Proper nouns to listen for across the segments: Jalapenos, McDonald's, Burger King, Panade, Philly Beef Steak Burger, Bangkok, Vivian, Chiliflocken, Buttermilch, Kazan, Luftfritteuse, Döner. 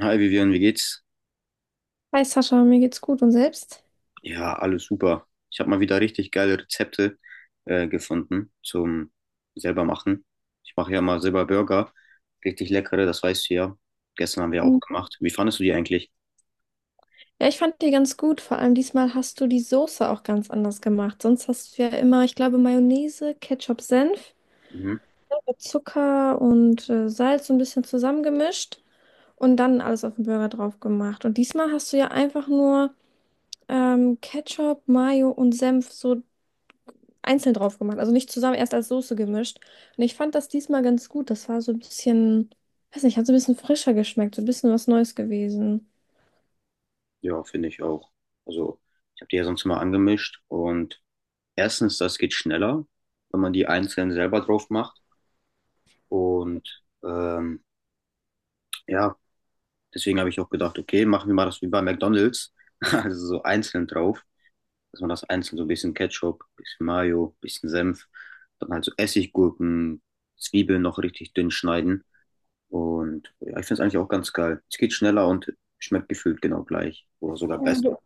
Hi Vivian, wie geht's? Hi Sascha, mir geht's gut und selbst? Ja, alles super. Ich habe mal wieder richtig geile Rezepte gefunden zum selber machen. Ich mache ja mal selber Burger, richtig leckere, das weißt du ja. Gestern haben wir auch Mhm. gemacht. Wie fandest du die eigentlich? Ja, ich fand die ganz gut. Vor allem diesmal hast du die Soße auch ganz anders gemacht. Sonst hast du ja immer, ich glaube, Mayonnaise, Ketchup, Senf, Mhm. Zucker und Salz so ein bisschen zusammengemischt und dann alles auf den Burger drauf gemacht. Und diesmal hast du ja einfach nur Ketchup, Mayo und Senf so einzeln drauf gemacht. Also nicht zusammen, erst als Soße gemischt. Und ich fand das diesmal ganz gut. Das war so ein bisschen, weiß nicht, hat so ein bisschen frischer geschmeckt, so ein bisschen was Neues gewesen. Ja, finde ich auch. Also, ich habe die ja sonst immer angemischt und erstens, das geht schneller, wenn man die einzeln selber drauf macht. Und ja, deswegen habe ich auch gedacht, okay, machen wir mal das wie bei McDonald's, also so einzeln drauf. Dass man das einzeln so ein bisschen Ketchup, bisschen Mayo, bisschen Senf, dann halt so Essiggurken, Zwiebeln noch richtig dünn schneiden. Und ja, ich finde es eigentlich auch ganz geil. Es geht schneller und schmeckt gefühlt genau gleich oder sogar besser. Ja.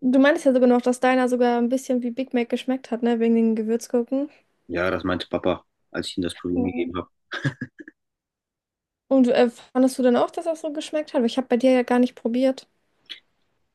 Du meintest ja sogar noch, dass deiner sogar ein bisschen wie Big Mac geschmeckt hat, ne? Wegen den Gewürzgurken. Ja, das meinte Papa, als ich ihm das Probieren Ja. gegeben habe. Und fandest du dann auch, dass das so geschmeckt hat? Weil ich habe bei dir ja gar nicht probiert.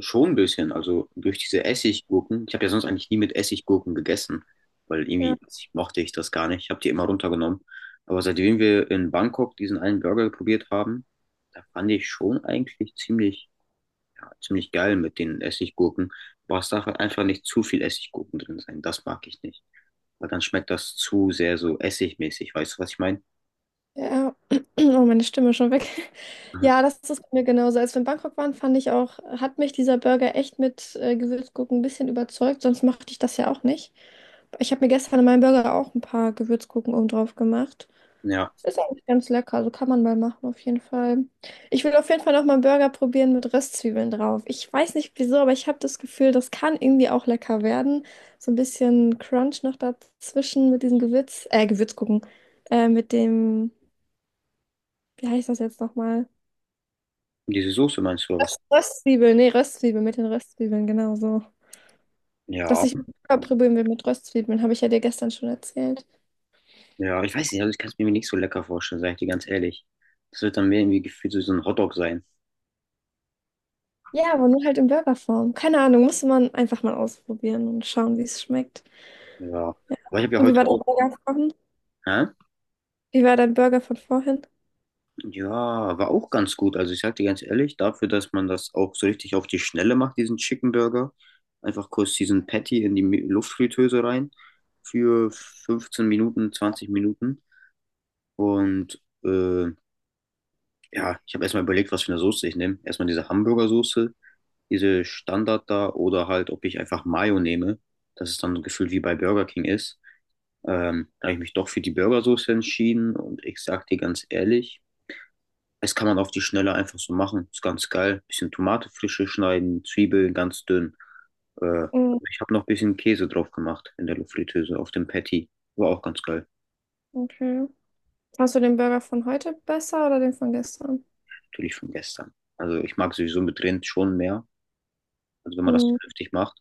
Schon ein bisschen, also durch diese Essiggurken. Ich habe ja sonst eigentlich nie mit Essiggurken gegessen, weil Ja. irgendwie mochte ich das gar nicht. Ich habe die immer runtergenommen. Aber seitdem wir in Bangkok diesen einen Burger probiert haben, da fand ich schon eigentlich ziemlich, ja, ziemlich geil mit den Essiggurken. Aber es darf halt einfach nicht zu viel Essiggurken drin sein. Das mag ich nicht. Weil dann schmeckt das zu sehr so essigmäßig. Weißt du, was ich meine? Ja. Oh, meine Stimme ist schon weg. Mhm. Ja, das ist bei mir genauso. Als wir in Bangkok waren, fand ich auch, hat mich dieser Burger echt mit Gewürzgurken ein bisschen überzeugt. Sonst machte ich das ja auch nicht. Ich habe mir gestern in meinem Burger auch ein paar Gewürzgurken oben drauf gemacht. Ja, Ist eigentlich ganz lecker, also kann man mal machen auf jeden Fall. Ich will auf jeden Fall noch mal einen Burger probieren mit Röstzwiebeln drauf. Ich weiß nicht wieso, aber ich habe das Gefühl, das kann irgendwie auch lecker werden. So ein bisschen Crunch noch dazwischen mit diesem Gewürz gucken, mit dem, wie heißt das jetzt nochmal? diese Soße meinst du oder was? Röstzwiebeln, nee, Röstzwiebeln, mit den Röstzwiebeln, genau so. Dass Ja, ich Burger probieren will mit Röstzwiebeln, habe ich ja dir gestern schon erzählt. ja, ich weiß nicht, also ich kann es mir nicht so lecker vorstellen, sage ich dir ganz ehrlich. Das wird dann mehr irgendwie gefühlt so ein Hotdog sein. Ja, aber nur halt in Burgerform. Keine Ahnung, musste man einfach mal ausprobieren und schauen, wie es schmeckt. Ja, aber ich habe ja Und wie war heute der auch, Burger? hä? Wie war dein Burger von vorhin? Ja, war auch ganz gut. Also ich sag dir ganz ehrlich, dafür, dass man das auch so richtig auf die Schnelle macht, diesen Chicken Burger, einfach kurz diesen Patty in die Luftfritteuse rein für 15 Minuten, 20 Minuten. Und ja, ich habe erstmal überlegt, was für eine Soße ich nehme. Erstmal diese Hamburgersoße, diese Standard da oder halt, ob ich einfach Mayo nehme, dass es dann gefühlt wie bei Burger King ist. Da habe ich mich doch für die Burgersoße entschieden und ich sag dir ganz ehrlich, das kann man auf die Schnelle einfach so machen. Ist ganz geil. Bisschen Tomate frische schneiden, Zwiebeln ganz dünn. Äh, Mm. Ich habe noch ein bisschen Käse drauf gemacht in der Luftfritteuse auf dem Patty. War auch ganz geil. Okay. Hast du den Burger von heute besser oder den von gestern? Natürlich von gestern. Also ich mag sowieso mit Rind schon mehr. Also wenn man das Hm. vernünftig macht.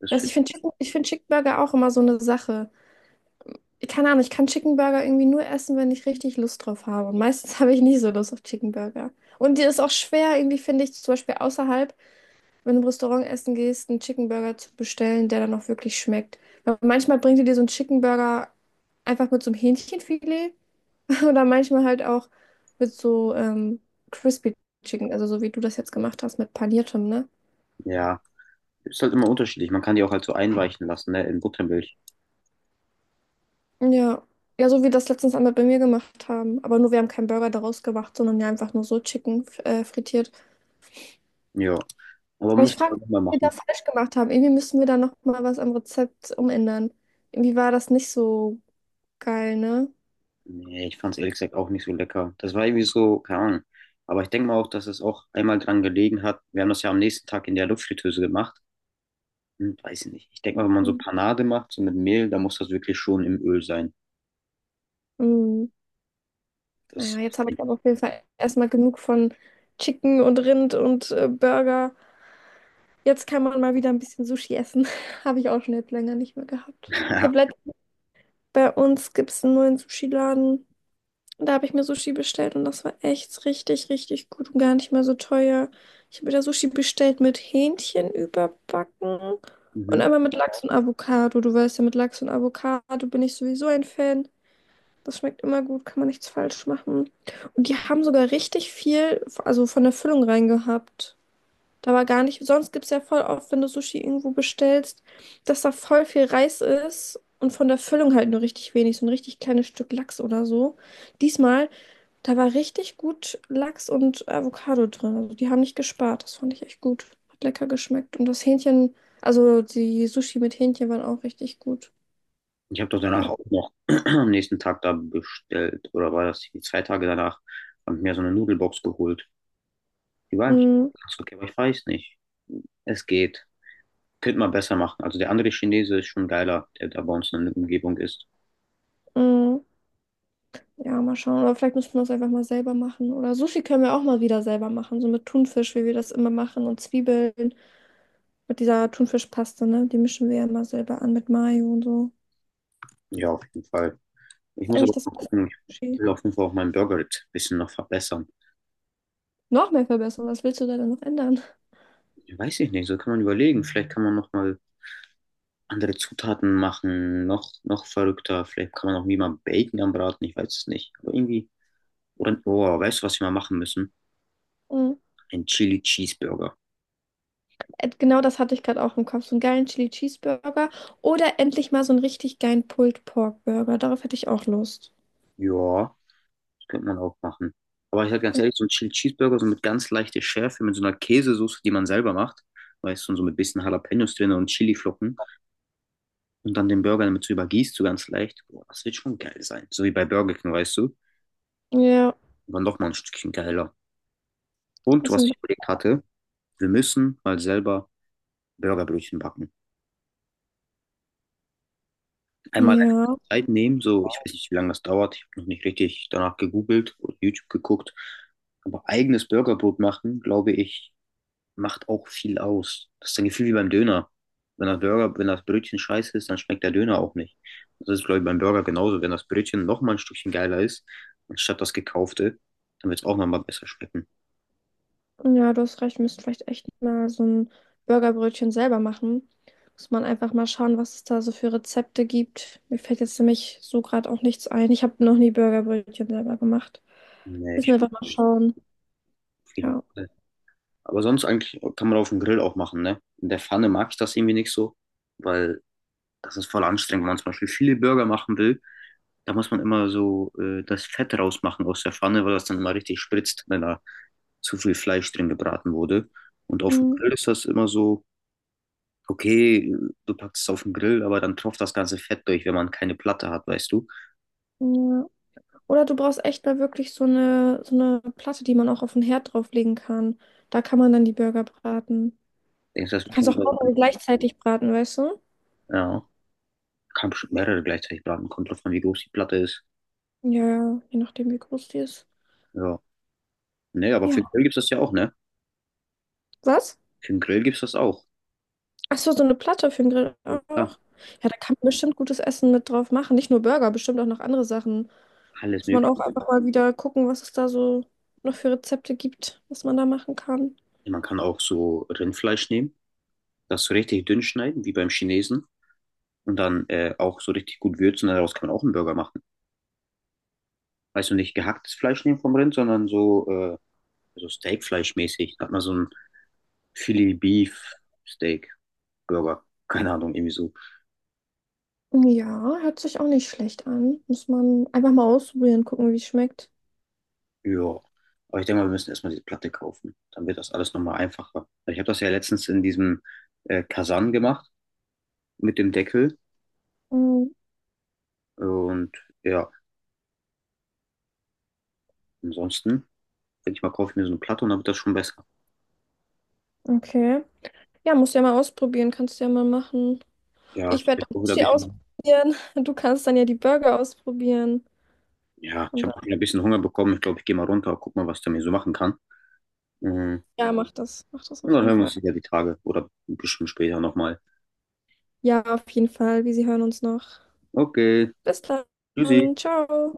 Das Also find, ich finde Chicken Burger auch immer so eine Sache. Ich, keine Ahnung, ich kann Chicken Burger irgendwie nur essen, wenn ich richtig Lust drauf habe. Und meistens habe ich nie so Lust auf Chicken Burger. Und die ist auch schwer, irgendwie finde ich, zum Beispiel außerhalb, wenn du im Restaurant essen gehst, einen Chicken Burger zu bestellen, der dann auch wirklich schmeckt. Weil manchmal bringt die dir so einen Chicken Burger einfach mit so einem Hähnchenfilet. Oder manchmal halt auch mit so Crispy Chicken, also so wie du das jetzt gemacht hast mit paniertem, ne? ja, ist halt immer unterschiedlich. Man kann die auch halt so einweichen lassen, ne, in Buttermilch. Ja. Ja, so wie das letztens einmal bei mir gemacht haben. Aber nur wir haben keinen Burger daraus gemacht, sondern ja einfach nur so frittiert. Ja, aber Aber ich müsste frage man mich, nochmal was wir machen. da falsch gemacht haben. Irgendwie müssen wir da nochmal was am Rezept umändern. Irgendwie war das nicht so geil, ne? Nee, ich fand es ehrlich gesagt auch nicht so lecker. Das war irgendwie so, keine Ahnung. Aber ich denke mal auch, dass es auch einmal dran gelegen hat. Wir haben das ja am nächsten Tag in der Luftfritteuse gemacht. Hm, weiß ich nicht. Ich denke mal, wenn man so Panade macht, so mit Mehl, dann muss das wirklich schon im Öl sein. Mhm. Naja, Das, jetzt habe ich aber auf jeden Fall erstmal genug von Chicken und Rind und Burger. Jetzt kann man mal wieder ein bisschen Sushi essen. Habe ich auch schon jetzt länger nicht mehr gehabt. Ich ja. habe letztens bei uns gibt es einen neuen Sushi-Laden. Und da habe ich mir Sushi bestellt und das war echt richtig, richtig gut und gar nicht mehr so teuer. Ich habe mir da Sushi bestellt mit Hähnchen überbacken und Mhm. einmal mit Lachs und Avocado. Du weißt ja, mit Lachs und Avocado bin ich sowieso ein Fan. Das schmeckt immer gut, kann man nichts falsch machen. Und die haben sogar richtig viel, also von der Füllung rein gehabt. Da war gar nicht. Sonst gibt es ja voll oft, wenn du Sushi irgendwo bestellst, dass da voll viel Reis ist und von der Füllung halt nur richtig wenig, so ein richtig kleines Stück Lachs oder so. Diesmal, da war richtig gut Lachs und Avocado drin. Also die haben nicht gespart. Das fand ich echt gut. Hat lecker geschmeckt. Und das Hähnchen, also die Sushi mit Hähnchen waren auch richtig gut. Ich habe doch danach Ja. auch noch am nächsten Tag da bestellt, oder war das die zwei Tage danach, habe ich mir so eine Nudelbox geholt. Die war eigentlich Mm. ganz okay, aber ich weiß nicht. Es geht. Könnte man besser machen. Also der andere Chinese ist schon geiler, der da bei uns in der Umgebung ist. Mm. Ja, mal schauen. Oder vielleicht müssen wir es einfach mal selber machen. Oder Sushi können wir auch mal wieder selber machen. So mit Thunfisch, wie wir das immer machen und Zwiebeln. Mit dieser Thunfischpaste, ne? Die mischen wir ja immer selber an mit Mayo und so. Ja, auf jeden Fall. Ich Das ist muss aber eigentlich das mal beste gucken, ich Sushi. will auf jeden Fall auch mein Burger-Rezept ein bisschen noch verbessern. Noch mehr verbessern. Was willst du da denn noch ändern? Weiß ich nicht, so kann man überlegen. Vielleicht kann man noch mal andere Zutaten machen, noch verrückter. Vielleicht kann man auch wie mal Bacon anbraten, ich weiß es nicht. Aber irgendwie, oder, oh, weißt du, was wir mal machen müssen? Mhm. Ein Chili Cheeseburger. Genau das hatte ich gerade auch im Kopf. So einen geilen Chili Cheeseburger oder endlich mal so einen richtig geilen Pulled Pork Burger. Darauf hätte ich auch Lust. Ja, das könnte man auch machen. Aber ich sag ganz ehrlich, so ein Chili Cheeseburger, so mit ganz leichter Schärfe, mit so einer Käsesoße, die man selber macht, weißt du, und so mit bisschen Jalapenos drin und Chiliflocken und dann den Burger damit so übergießt, so ganz leicht. Boah, das wird schon geil sein. So wie bei Burger King, weißt du. Ja, Aber noch mal ein Stückchen geiler. Und das was sind- ich überlegt hatte, wir müssen mal selber Burgerbrötchen backen. Einmal ja, Zeit nehmen, so ich weiß nicht, wie lange das dauert, ich habe noch nicht richtig danach gegoogelt oder YouTube geguckt, aber eigenes Burgerbrot machen, glaube ich, macht auch viel aus. Das ist ein Gefühl wie beim Döner. Wenn das Brötchen scheiße ist, dann schmeckt der Döner auch nicht. Das ist, glaube ich, beim Burger genauso. Wenn das Brötchen noch mal ein Stückchen geiler ist, anstatt das gekaufte, dann wird es auch noch mal besser schmecken. ja, du hast recht, wir müssen vielleicht echt mal so ein Burgerbrötchen selber machen. Muss man einfach mal schauen, was es da so für Rezepte gibt. Mir fällt jetzt nämlich so gerade auch nichts ein. Ich habe noch nie Burgerbrötchen selber gemacht. Nee, Müssen wir ich glaub, einfach mal schauen. auf jeden Ja. Fall. Aber sonst eigentlich kann man auf dem Grill auch machen, ne? In der Pfanne mag ich das irgendwie nicht so, weil das ist voll anstrengend, wenn man zum Beispiel viele Burger machen will. Da muss man immer so das Fett rausmachen aus der Pfanne, weil das dann immer richtig spritzt, wenn da zu viel Fleisch drin gebraten wurde. Und auf dem Mhm. Grill ist das immer so, okay, du packst es auf den Grill, aber dann tropft das ganze Fett durch, wenn man keine Platte hat, weißt du. Ja. Oder du brauchst echt mal wirklich so eine Platte, die man auch auf den Herd drauflegen kann. Da kann man dann die Burger braten. Denkst du, das Du wird kannst kein auch Burger. mehrere gleichzeitig braten, weißt du? Ja, kann bestimmt mehrere gleichzeitig braten, kommt drauf an, wie groß die Platte ist. Ja, ja, je nachdem, wie groß die ist. Ja, nee, aber Ja. für den Grill gibt's das ja auch, ne? Was? Für den Grill gibt's das auch. Ach so, so eine Platte für den Grill Ja, auch. Ja, da kann man bestimmt gutes Essen mit drauf machen. Nicht nur Burger, bestimmt auch noch andere Sachen. alles Muss man mögliche. auch einfach mal wieder gucken, was es da so noch für Rezepte gibt, was man da machen kann. Man kann auch so Rindfleisch nehmen, das so richtig dünn schneiden, wie beim Chinesen. Und dann auch so richtig gut würzen. Daraus kann man auch einen Burger machen. Also nicht gehacktes Fleisch nehmen vom Rind, sondern so, so Steakfleischmäßig. Da hat man so ein Philly Beef Steak Burger. Keine Ahnung, irgendwie so. Ja, hört sich auch nicht schlecht an. Muss man einfach mal ausprobieren, gucken, wie es schmeckt. Ja. Aber ich denke mal, wir müssen erstmal diese Platte kaufen. Dann wird das alles nochmal einfacher. Ich habe das ja letztens in diesem Kasan gemacht mit dem Deckel. Mm. Und ja, ansonsten, denke ich mal, kaufe ich mir so eine Platte und dann wird das schon besser. Okay. Ja, musst ja mal ausprobieren, kannst ja mal machen. Ja, Ich ich bin werde auch das wieder ein Sushi ausprobieren. bisschen. Du kannst dann ja die Burger ausprobieren. Ja, ich Und habe dann, ein bisschen Hunger bekommen. Ich glaube, ich gehe mal runter, guck mal, was der mir so machen kann. Mhm. ja, mach das. Mach das Und auf dann jeden hören wir Fall. uns wieder die Tage oder bestimmt später nochmal. Ja, auf jeden Fall. Wir hören uns noch. Okay, Bis tschüssi. dann. Ciao.